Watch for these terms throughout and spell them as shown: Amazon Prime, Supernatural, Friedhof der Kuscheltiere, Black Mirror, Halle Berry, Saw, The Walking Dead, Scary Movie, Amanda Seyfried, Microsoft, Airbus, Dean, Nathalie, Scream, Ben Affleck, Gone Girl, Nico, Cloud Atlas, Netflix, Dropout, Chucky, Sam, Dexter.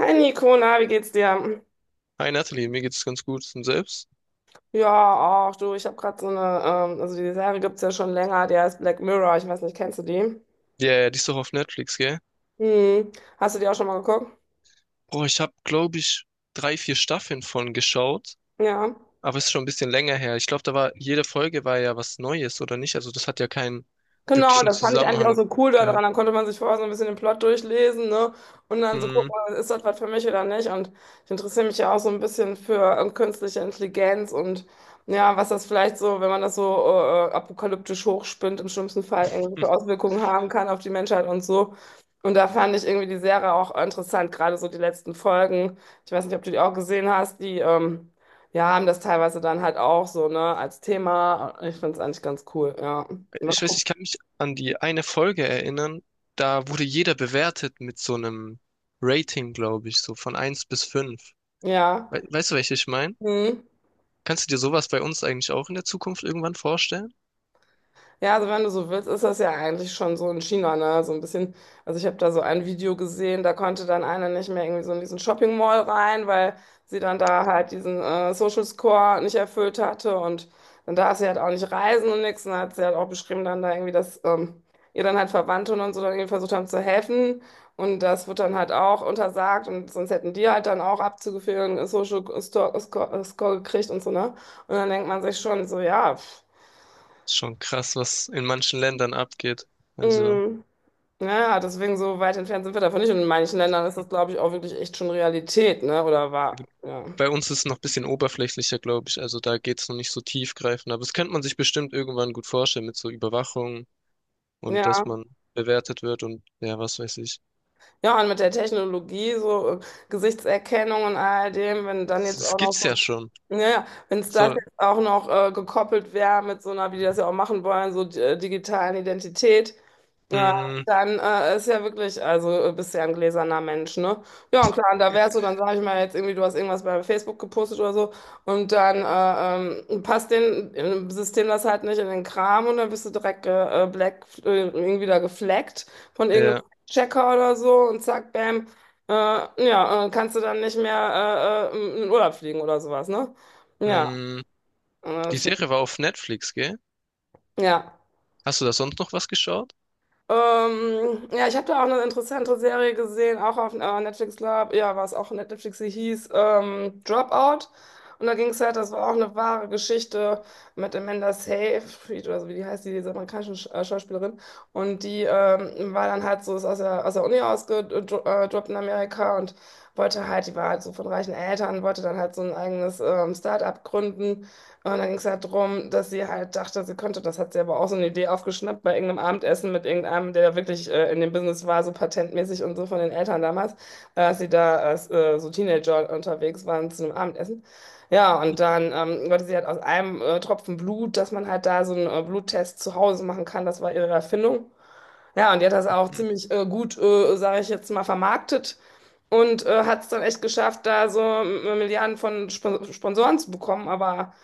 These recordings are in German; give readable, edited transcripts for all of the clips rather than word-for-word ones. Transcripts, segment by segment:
Hi Nico, na, wie geht's dir? Hi Nathalie, mir geht's ganz gut und selbst. Ja, ach du, ich habe gerade so eine, also die Serie gibt's ja schon länger, die heißt Black Mirror, ich weiß nicht, kennst du die? Ja, yeah, die ist doch auf Netflix, gell? Hm. Hast du die auch schon mal geguckt? Boah, ich habe, glaube ich, drei, vier Staffeln von geschaut, Ja. aber es ist schon ein bisschen länger her. Ich glaube, da war jede Folge war ja was Neues oder nicht. Also das hat ja keinen Genau, wirklichen das fand ich eigentlich auch Zusammenhang so cool gehabt. daran. Dann konnte man sich vorher so ein bisschen den Plot durchlesen, ne? Und dann so Hm. gucken, ist das was für mich oder nicht? Und ich interessiere mich ja auch so ein bisschen für künstliche Intelligenz und ja, was das vielleicht so, wenn man das so apokalyptisch hochspinnt, im schlimmsten Fall irgendwelche Auswirkungen haben kann auf die Menschheit und so. Und da fand ich irgendwie die Serie auch interessant, gerade so die letzten Folgen. Ich weiß nicht, ob du die auch gesehen hast, die ja, haben das teilweise dann halt auch so, ne, als Thema. Ich finde es eigentlich ganz cool, ja. Was Ich weiß, guckst ich kann mich an die eine Folge erinnern. Da wurde jeder bewertet mit so einem Rating, glaube ich, so von eins bis 5. ja, We Weißt du, welche ich meine? mhm. Kannst du dir sowas bei uns eigentlich auch in der Zukunft irgendwann vorstellen? Ja, also wenn du so willst, ist das ja eigentlich schon so in China, ne? So ein bisschen, also ich habe da so ein Video gesehen, da konnte dann einer nicht mehr irgendwie so in diesen Shopping Mall rein, weil sie dann da halt diesen Social Score nicht erfüllt hatte und dann darf sie halt auch nicht reisen und nichts. Und dann hat sie halt auch beschrieben dann da irgendwie, dass ihr dann halt Verwandte und so dann irgendwie versucht haben zu helfen und das wird dann halt auch untersagt und sonst hätten die halt dann auch abzugeführen Social Score, Score gekriegt und so, ne? Und dann denkt man sich schon so, ja. Pff, Ist schon krass, was in manchen Ländern abgeht. Also, mhm. Ja, deswegen so weit entfernt sind wir davon nicht. Und in manchen Ländern ist das, glaube ich, auch wirklich echt schon Realität, ne? Oder war, ja. bei uns ist es noch ein bisschen oberflächlicher, glaube ich. Also da geht es noch nicht so tiefgreifend. Aber das könnte man sich bestimmt irgendwann gut vorstellen mit so Überwachung und Ja, dass man bewertet wird und ja, was weiß ich. ja, und mit der Technologie, so Gesichtserkennung und all dem, wenn dann Das, jetzt das auch noch, gibt's ja so- schon. ja, ja, wenn es das So, jetzt auch noch gekoppelt wäre mit so einer, wie die das ja auch machen wollen, so digitalen Identität, ja, mh, dann ist ja wirklich, also bist ja ein gläserner Mensch, ne? Ja, und klar, und da wärst du, dann sage ich mal jetzt irgendwie, du hast irgendwas bei Facebook gepostet oder so und dann passt den im System das halt nicht in den Kram und dann bist du direkt black, irgendwie da gefleckt von ja, irgendeinem Checker oder so und zack, bam, ja, kannst du dann nicht mehr in den Urlaub fliegen oder sowas, ne? Ja, mh. äh, Die Serie war auf Netflix, gell? ja. Hast du da sonst noch was geschaut? Ja, ich habe da auch eine interessante Serie gesehen, auch auf Netflix, glaub, ja, war es auch Netflix, sie hieß Dropout. Und da ging es halt, das war auch eine wahre Geschichte mit Amanda Seyfried oder so, wie die heißt, die, diese amerikanische Schauspielerin. Und die war dann halt so, ist aus der Uni ausgedroppt in Amerika und wollte halt, die war halt so von reichen Eltern, wollte dann halt so ein eigenes Start-up gründen. Und dann ging es halt darum, dass sie halt dachte, sie könnte, das hat sie aber auch so eine Idee aufgeschnappt bei irgendeinem Abendessen mit irgendeinem, der da wirklich in dem Business war, so patentmäßig und so von den Eltern damals, dass sie da als so Teenager unterwegs waren zu einem Abendessen. Ja, und dann wollte sie halt aus einem Tropfen Blut, dass man halt da so einen Bluttest zu Hause machen kann, das war ihre Erfindung. Ja, und die hat das auch Hm. ziemlich gut, sage ich jetzt mal, vermarktet. Und hat es dann echt geschafft, da so Milliarden von Sp Sponsoren zu bekommen, aber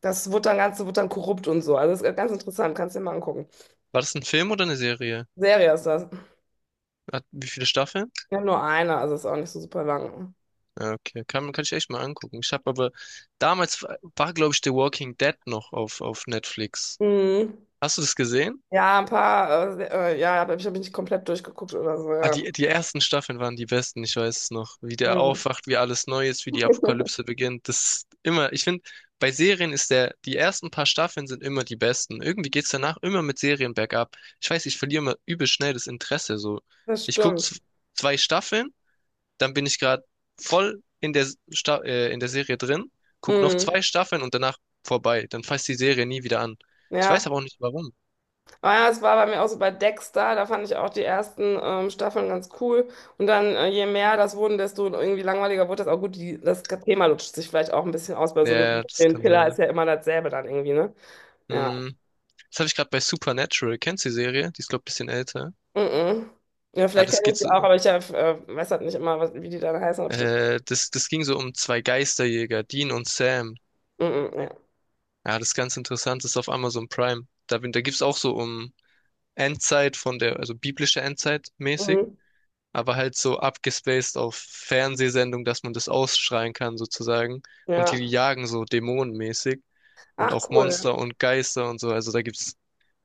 das wird dann ganz, wird dann korrupt und so. Also das ist ganz interessant, kannst dir mal angucken. War das ein Film oder eine Serie? Serie ist das. Hat, wie viele Staffeln? Ja, nur eine, also ist auch nicht so super lang. Ja, okay, kann ich echt mal angucken. Ich habe aber damals war, glaube ich, The Walking Dead noch auf Netflix. Mhm. Hast du das gesehen? Ja, ein paar, ja, aber ich habe mich nicht komplett durchgeguckt oder so, Ah, ja. die, die ersten Staffeln waren die besten, ich weiß es noch. Wie der Mhm. aufwacht, wie alles neu ist, wie die Apokalypse beginnt. Das ist immer, ich finde, bei Serien ist der, die ersten paar Staffeln sind immer die besten. Irgendwie geht's danach immer mit Serien bergab. Ich weiß, ich verliere immer übel schnell das Interesse, so. Das Ich gucke stimmt. zwei Staffeln, dann bin ich gerade voll in der, Sta in der Serie drin, guck noch zwei Mhm. Staffeln und danach vorbei. Dann fasst die Serie nie wieder an. Ich weiß Ja. aber auch nicht warum. Aber ja, es war bei mir auch so bei Dexter, da fand ich auch die ersten Staffeln ganz cool. Und dann, je mehr das wurden, desto irgendwie langweiliger wurde das auch gut. Die, das Thema lutscht sich vielleicht auch ein bisschen aus, weil so ein Ja, das kann Serienkiller ist sein. ja immer dasselbe dann irgendwie, ne? Ja. Hm. Das habe ich gerade bei Supernatural. Kennst du die Serie? Die ist, glaube ich, ein bisschen älter. Mhm. Ja, Ja, vielleicht das kenne ich geht die so, auch, aber ich weiß halt nicht immer, was, wie die dann heißen. Ob ich das, das, das ging so um zwei Geisterjäger, Dean und Sam. mhm, ja. Ja, das ist ganz interessant, das ist auf Amazon Prime. Da, da gibt's auch so um Endzeit von der, also biblische Endzeit mäßig, Mhm. aber halt so abgespaced auf Fernsehsendung, dass man das ausschreien kann sozusagen. Und Ja. die jagen so dämonenmäßig und Ach, auch cool. Monster und Geister und so. Also da gibt's.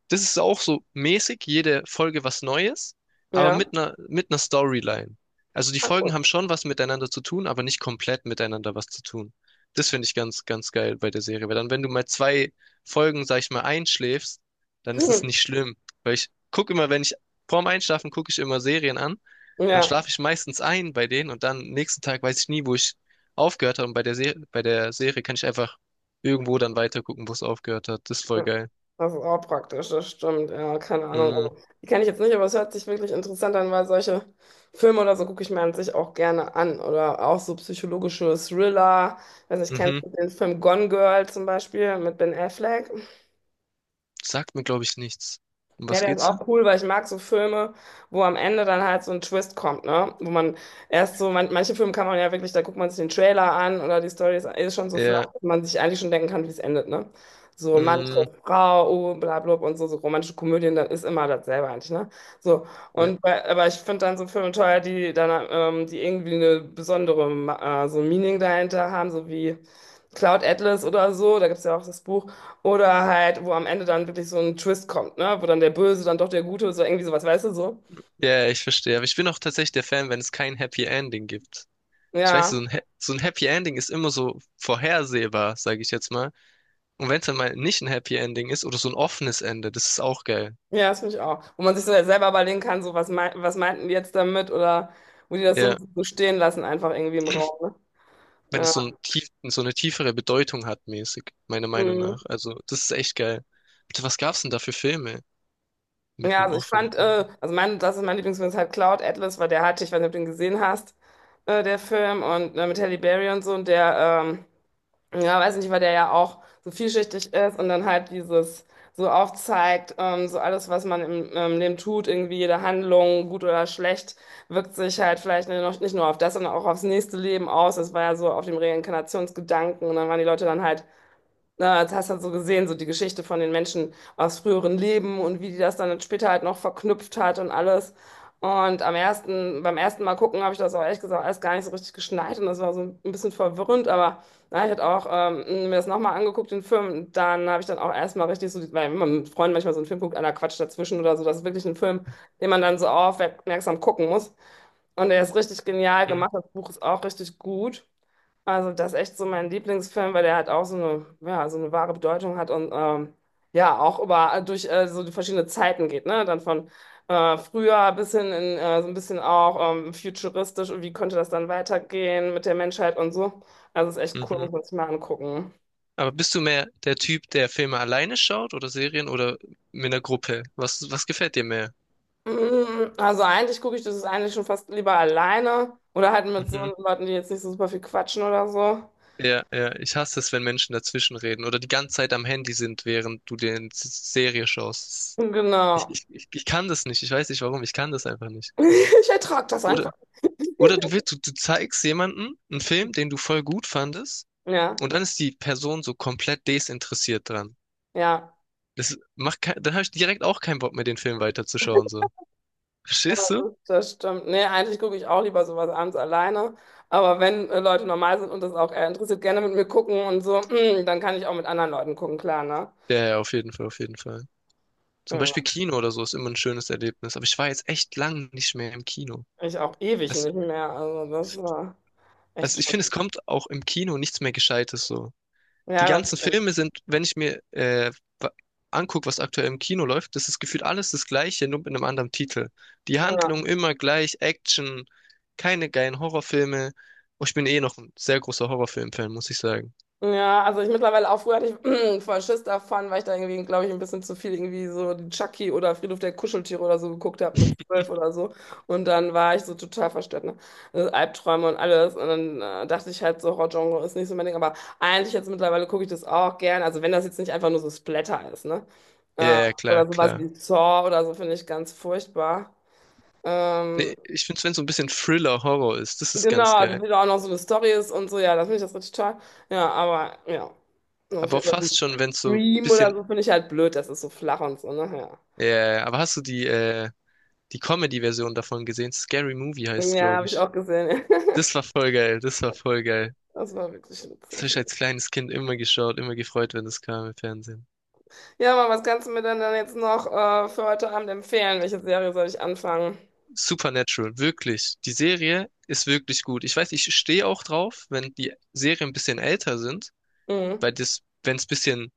Das ist auch so mäßig, jede Folge was Neues, aber Ja. Mit einer Storyline. Also die Ach, Folgen cool. haben schon was miteinander zu tun, aber nicht komplett miteinander was zu tun. Das finde ich ganz, ganz geil bei der Serie, weil dann, wenn du mal zwei Folgen, sag ich mal, einschläfst, dann ist es nicht schlimm. Weil ich gucke immer, wenn ich vorm Einschlafen gucke ich immer Serien an, Hm. dann Ja. schlafe ich meistens ein bei denen und dann nächsten Tag weiß ich nie, wo ich aufgehört habe. Und bei der Serie kann ich einfach irgendwo dann weitergucken, wo es aufgehört hat. Das ist voll Ja. geil. Das ist auch praktisch, das stimmt. Ja, keine Ahnung. Mm, Also, die kenne ich jetzt nicht, aber es hört sich wirklich interessant an, weil solche Filme oder so gucke ich mir an sich auch gerne an. Oder auch so psychologische Thriller. Weiß nicht, mhm. kennst du den Film Gone Girl zum Beispiel mit Ben Affleck? Sagt mir, glaube ich, nichts. Um Ja, was der ist geht's da? auch cool, weil ich mag so Filme, wo am Ende dann halt so ein Twist kommt, ne? Wo man erst so, man, manche Filme kann man ja wirklich, da guckt man sich den Trailer an oder die Story ist, ist schon so flach, Ja, dass man sich eigentlich schon denken kann, wie es endet, ne? So Mann, mm, trifft Frau, oh, bla, bla, und so, so romantische Komödien, dann ist immer dasselbe eigentlich, ne? So, ne. und bei, aber ich finde dann so Filme teuer, die dann, die irgendwie eine besondere, so ein Meaning dahinter haben, so wie Cloud Atlas oder so, da gibt es ja auch das Buch. Oder halt, wo am Ende dann wirklich so ein Twist kommt, ne? Wo dann der Böse, dann doch der Gute, so irgendwie sowas, weißt du so? Ja, ja, ich verstehe. Aber ich bin auch tatsächlich der Fan, wenn es kein Happy Ending gibt. Ich weiß, so Ja, ein, so ein Happy Ending ist immer so vorhersehbar, sage ich jetzt mal. Und wenn es dann mal nicht ein Happy Ending ist oder so ein offenes Ende, das ist auch geil. ja, das finde ich auch. Wo man sich so selber überlegen kann, so was, mei was meinten die jetzt damit oder wo die das so ein Ja, bisschen so stehen lassen, einfach irgendwie im Raum, ne? wenn es so ein Ja, tief, so eine tiefere Bedeutung hat, mäßig, meiner Meinung mhm. nach. Also, das ist echt geil. Bitte, was gab's denn da für Filme mit Ja, einem also ich offenen fand, Ende? also mein, das ist mein Lieblingsfilm, ist halt Cloud Atlas, weil der hatte, ich weiß nicht, ob du den gesehen hast, der Film und mit Halle Berry und so und der, ähm, ja, weiß nicht, weil der ja auch so vielschichtig ist und dann halt dieses so aufzeigt, so alles, was man im Leben tut, irgendwie jede Handlung, gut oder schlecht, wirkt sich halt vielleicht nicht, noch- nicht nur auf das, sondern auch aufs nächste Leben aus. Das war ja so auf dem Reinkarnationsgedanken und dann waren die Leute dann halt na, das hast du dann so gesehen, so die Geschichte von den Menschen aus früheren Leben und wie die das dann später halt noch verknüpft hat und alles. Und am ersten, beim ersten Mal gucken habe ich das auch ehrlich gesagt alles gar nicht so richtig geschnallt und das war so ein bisschen verwirrend, aber na, ich hatte auch mir das nochmal angeguckt, den Film, dann habe ich dann auch erstmal richtig so, die- weil wenn man mit Freunden manchmal so einen Film guckt, einer quatscht dazwischen oder so, das ist wirklich ein Film, den man dann so aufmerksam gucken muss. Und der ist richtig genial Hm, gemacht, das Buch ist auch richtig gut. Also das ist echt so mein Lieblingsfilm, weil der halt auch so eine, ja, so eine wahre Bedeutung hat und ja, auch über durch so die verschiedenen Zeiten geht, ne? Dann von früher bis hin in so ein bisschen auch futuristisch und wie könnte das dann weitergehen mit der Menschheit und so. Also ist echt cool, mhm. muss man sich mal angucken. Aber bist du mehr der Typ, der Filme alleine schaut oder Serien oder mit einer Gruppe? Was, was gefällt dir mehr? Mm, also eigentlich gucke ich das ist eigentlich schon fast lieber alleine oder halt mit so Mhm. Leuten, die jetzt nicht so super viel quatschen oder so. Ja, ja, ich hasse es, wenn Menschen dazwischen reden oder die ganze Zeit am Handy sind, während du dir eine Serie schaust. Ich, Genau. ich, ich, ich kann das nicht. Ich weiß nicht warum. Ich kann das einfach nicht. Ich ertrage das einfach. Oder, oder du willst, du zeigst jemanden einen Film, den du voll gut fandest, Ja, und dann ist die Person so komplett desinteressiert dran. ja. Das macht kein, dann habe ich direkt auch keinen Bock mehr, den Film weiterzuschauen, so. Verstehst du? Das stimmt. Nee, eigentlich gucke ich auch lieber sowas abends alleine. Aber wenn Leute normal sind und das auch eher interessiert, gerne mit mir gucken und so, dann kann ich auch mit anderen Leuten gucken, klar, ne? Ja, ja, auf jeden Fall, auf jeden Fall. Zum Beispiel Ja, Kino oder so ist immer ein schönes Erlebnis. Aber ich war jetzt echt lang nicht mehr im Kino. ich auch ewig Also, nicht mehr. Also das war also echt ich finde, es schon. kommt auch im Kino nichts mehr Gescheites so. Die Ja, das ganzen stimmt. Filme sind, wenn ich mir wa- anguck, was aktuell im Kino läuft, das ist gefühlt alles das Gleiche, nur mit einem anderen Titel. Die Ja. Handlung immer gleich, Action, keine geilen Horrorfilme. Oh, ich bin eh noch ein sehr großer Horrorfilm-Fan, muss ich sagen. Ja, also ich mittlerweile auch früher hatte ich voll Schiss davon, weil ich da irgendwie, glaube ich, ein bisschen zu viel irgendwie so die Chucky oder Friedhof der Kuscheltiere oder so geguckt habe mit zwölf oder so. Und dann war ich so total verstört, ne? Also Albträume und alles. Und dann dachte ich halt so, Horror-Genre ist nicht so mein Ding. Aber eigentlich jetzt mittlerweile gucke ich das auch gern. Also wenn das jetzt nicht einfach nur so Splatter ist, ne? Ja, Äh, ja, oder klar, sowas klar. wie Saw oder so finde ich ganz furchtbar. Ähm, Nee, ich finde es, wenn es so ein bisschen Thriller-Horror ist, das ist ganz Genau, geil. also wie da auch noch so eine Story ist und so, ja, das finde ich das richtig toll. Ja, aber ja. Auf Aber jeden auch Fall so fast schon, wenn es so ein Scream oder bisschen. so finde ich halt blöd, das ist so flach und so, ne? Ja, ja, aber hast du die, die Comedy-Version davon gesehen? Scary Movie Ja, heißt es, ja glaube habe ich ich. auch gesehen. Das war voll geil, das war voll geil. Das war wirklich Das habe ich witzig. als kleines Kind immer geschaut, immer gefreut, wenn das kam im Fernsehen. Ja, aber was kannst du mir denn dann jetzt noch für heute Abend empfehlen? Welche Serie soll ich anfangen? Supernatural, wirklich. Die Serie ist wirklich gut. Ich weiß, ich stehe auch drauf, wenn die Serien ein bisschen älter sind, Mhm. weil das, wenn es bisschen,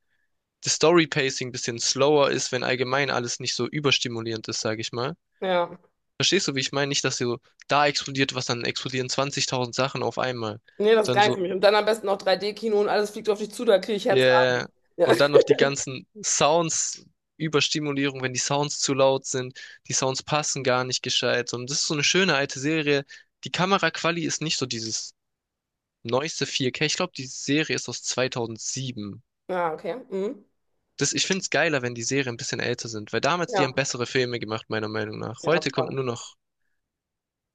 das Story-Pacing ein bisschen slower ist, wenn allgemein alles nicht so überstimulierend ist, sage ich mal. Ja. Verstehst du, wie ich meine? Nicht, dass so da explodiert was, dann explodieren 20.000 Sachen auf einmal, Nee, das ist sondern geil für so. mich. Und dann am besten noch 3D-Kino und alles fliegt auf dich zu, da kriege ich Herz. Yeah. Ja. Und dann noch die ganzen Sounds, Überstimulierung, wenn die Sounds zu laut sind, die Sounds passen gar nicht gescheit. Und das ist so eine schöne alte Serie. Die Kameraquali ist nicht so dieses neueste 4K. Ich glaube, die Serie ist aus 2007. Ja, okay. Mhm. Das, ich finde es geiler, wenn die Serien ein bisschen älter sind, weil damals die Ja. haben bessere Filme gemacht, meiner Meinung nach. Ja, Heute kommt voll. nur noch,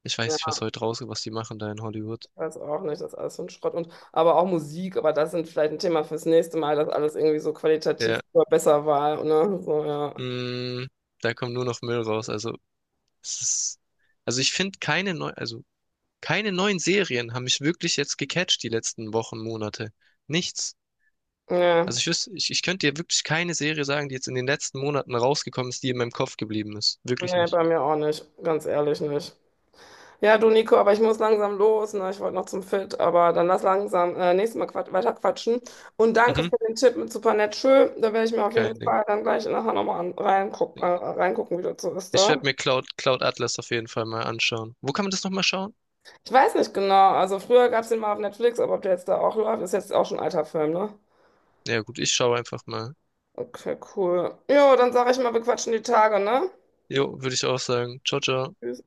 ich weiß nicht, Ja. was heute rauskommt, was die machen da in Hollywood. Weiß auch nicht, das ist alles so ein Schrott. Und, aber auch Musik, aber das sind vielleicht ein Thema fürs nächste Mal, dass alles irgendwie so qualitativ Ja. immer besser war. Ne? So, ja. Mm, da kommt nur noch Müll raus. Also, es ist, also ich finde keine neu, also keine neuen Serien haben mich wirklich jetzt gecatcht die letzten Wochen, Monate. Nichts. Nee, Also ich wüsste, ich könnte dir wirklich keine Serie sagen, die jetzt in den letzten Monaten rausgekommen ist, die in meinem Kopf geblieben ist. Wirklich nicht. bei mir auch nicht, ganz ehrlich nicht. Ja, du Nico, aber ich muss langsam los. Ne? Ich wollte noch zum Fit, aber dann lass langsam nächstes Mal quat weiter quatschen. Und danke Mhm, für den Tipp mit super nett schön. Da werde ich mir auf jeden kein Ding. Fall dann gleich nachher nochmal reingucken, wie das so ist Ich da. werde mir Cloud Atlas auf jeden Fall mal anschauen. Wo kann man das nochmal schauen? Ich weiß nicht genau. Also früher gab es den mal auf Netflix, aber ob der jetzt da auch läuft, ist jetzt auch schon ein alter Film, ne? Ja gut, ich schaue einfach mal. Okay, cool. Jo, dann sage ich mal, wir quatschen die Tage, ne? Jo, würde ich auch sagen. Ciao, ciao. Tschüss.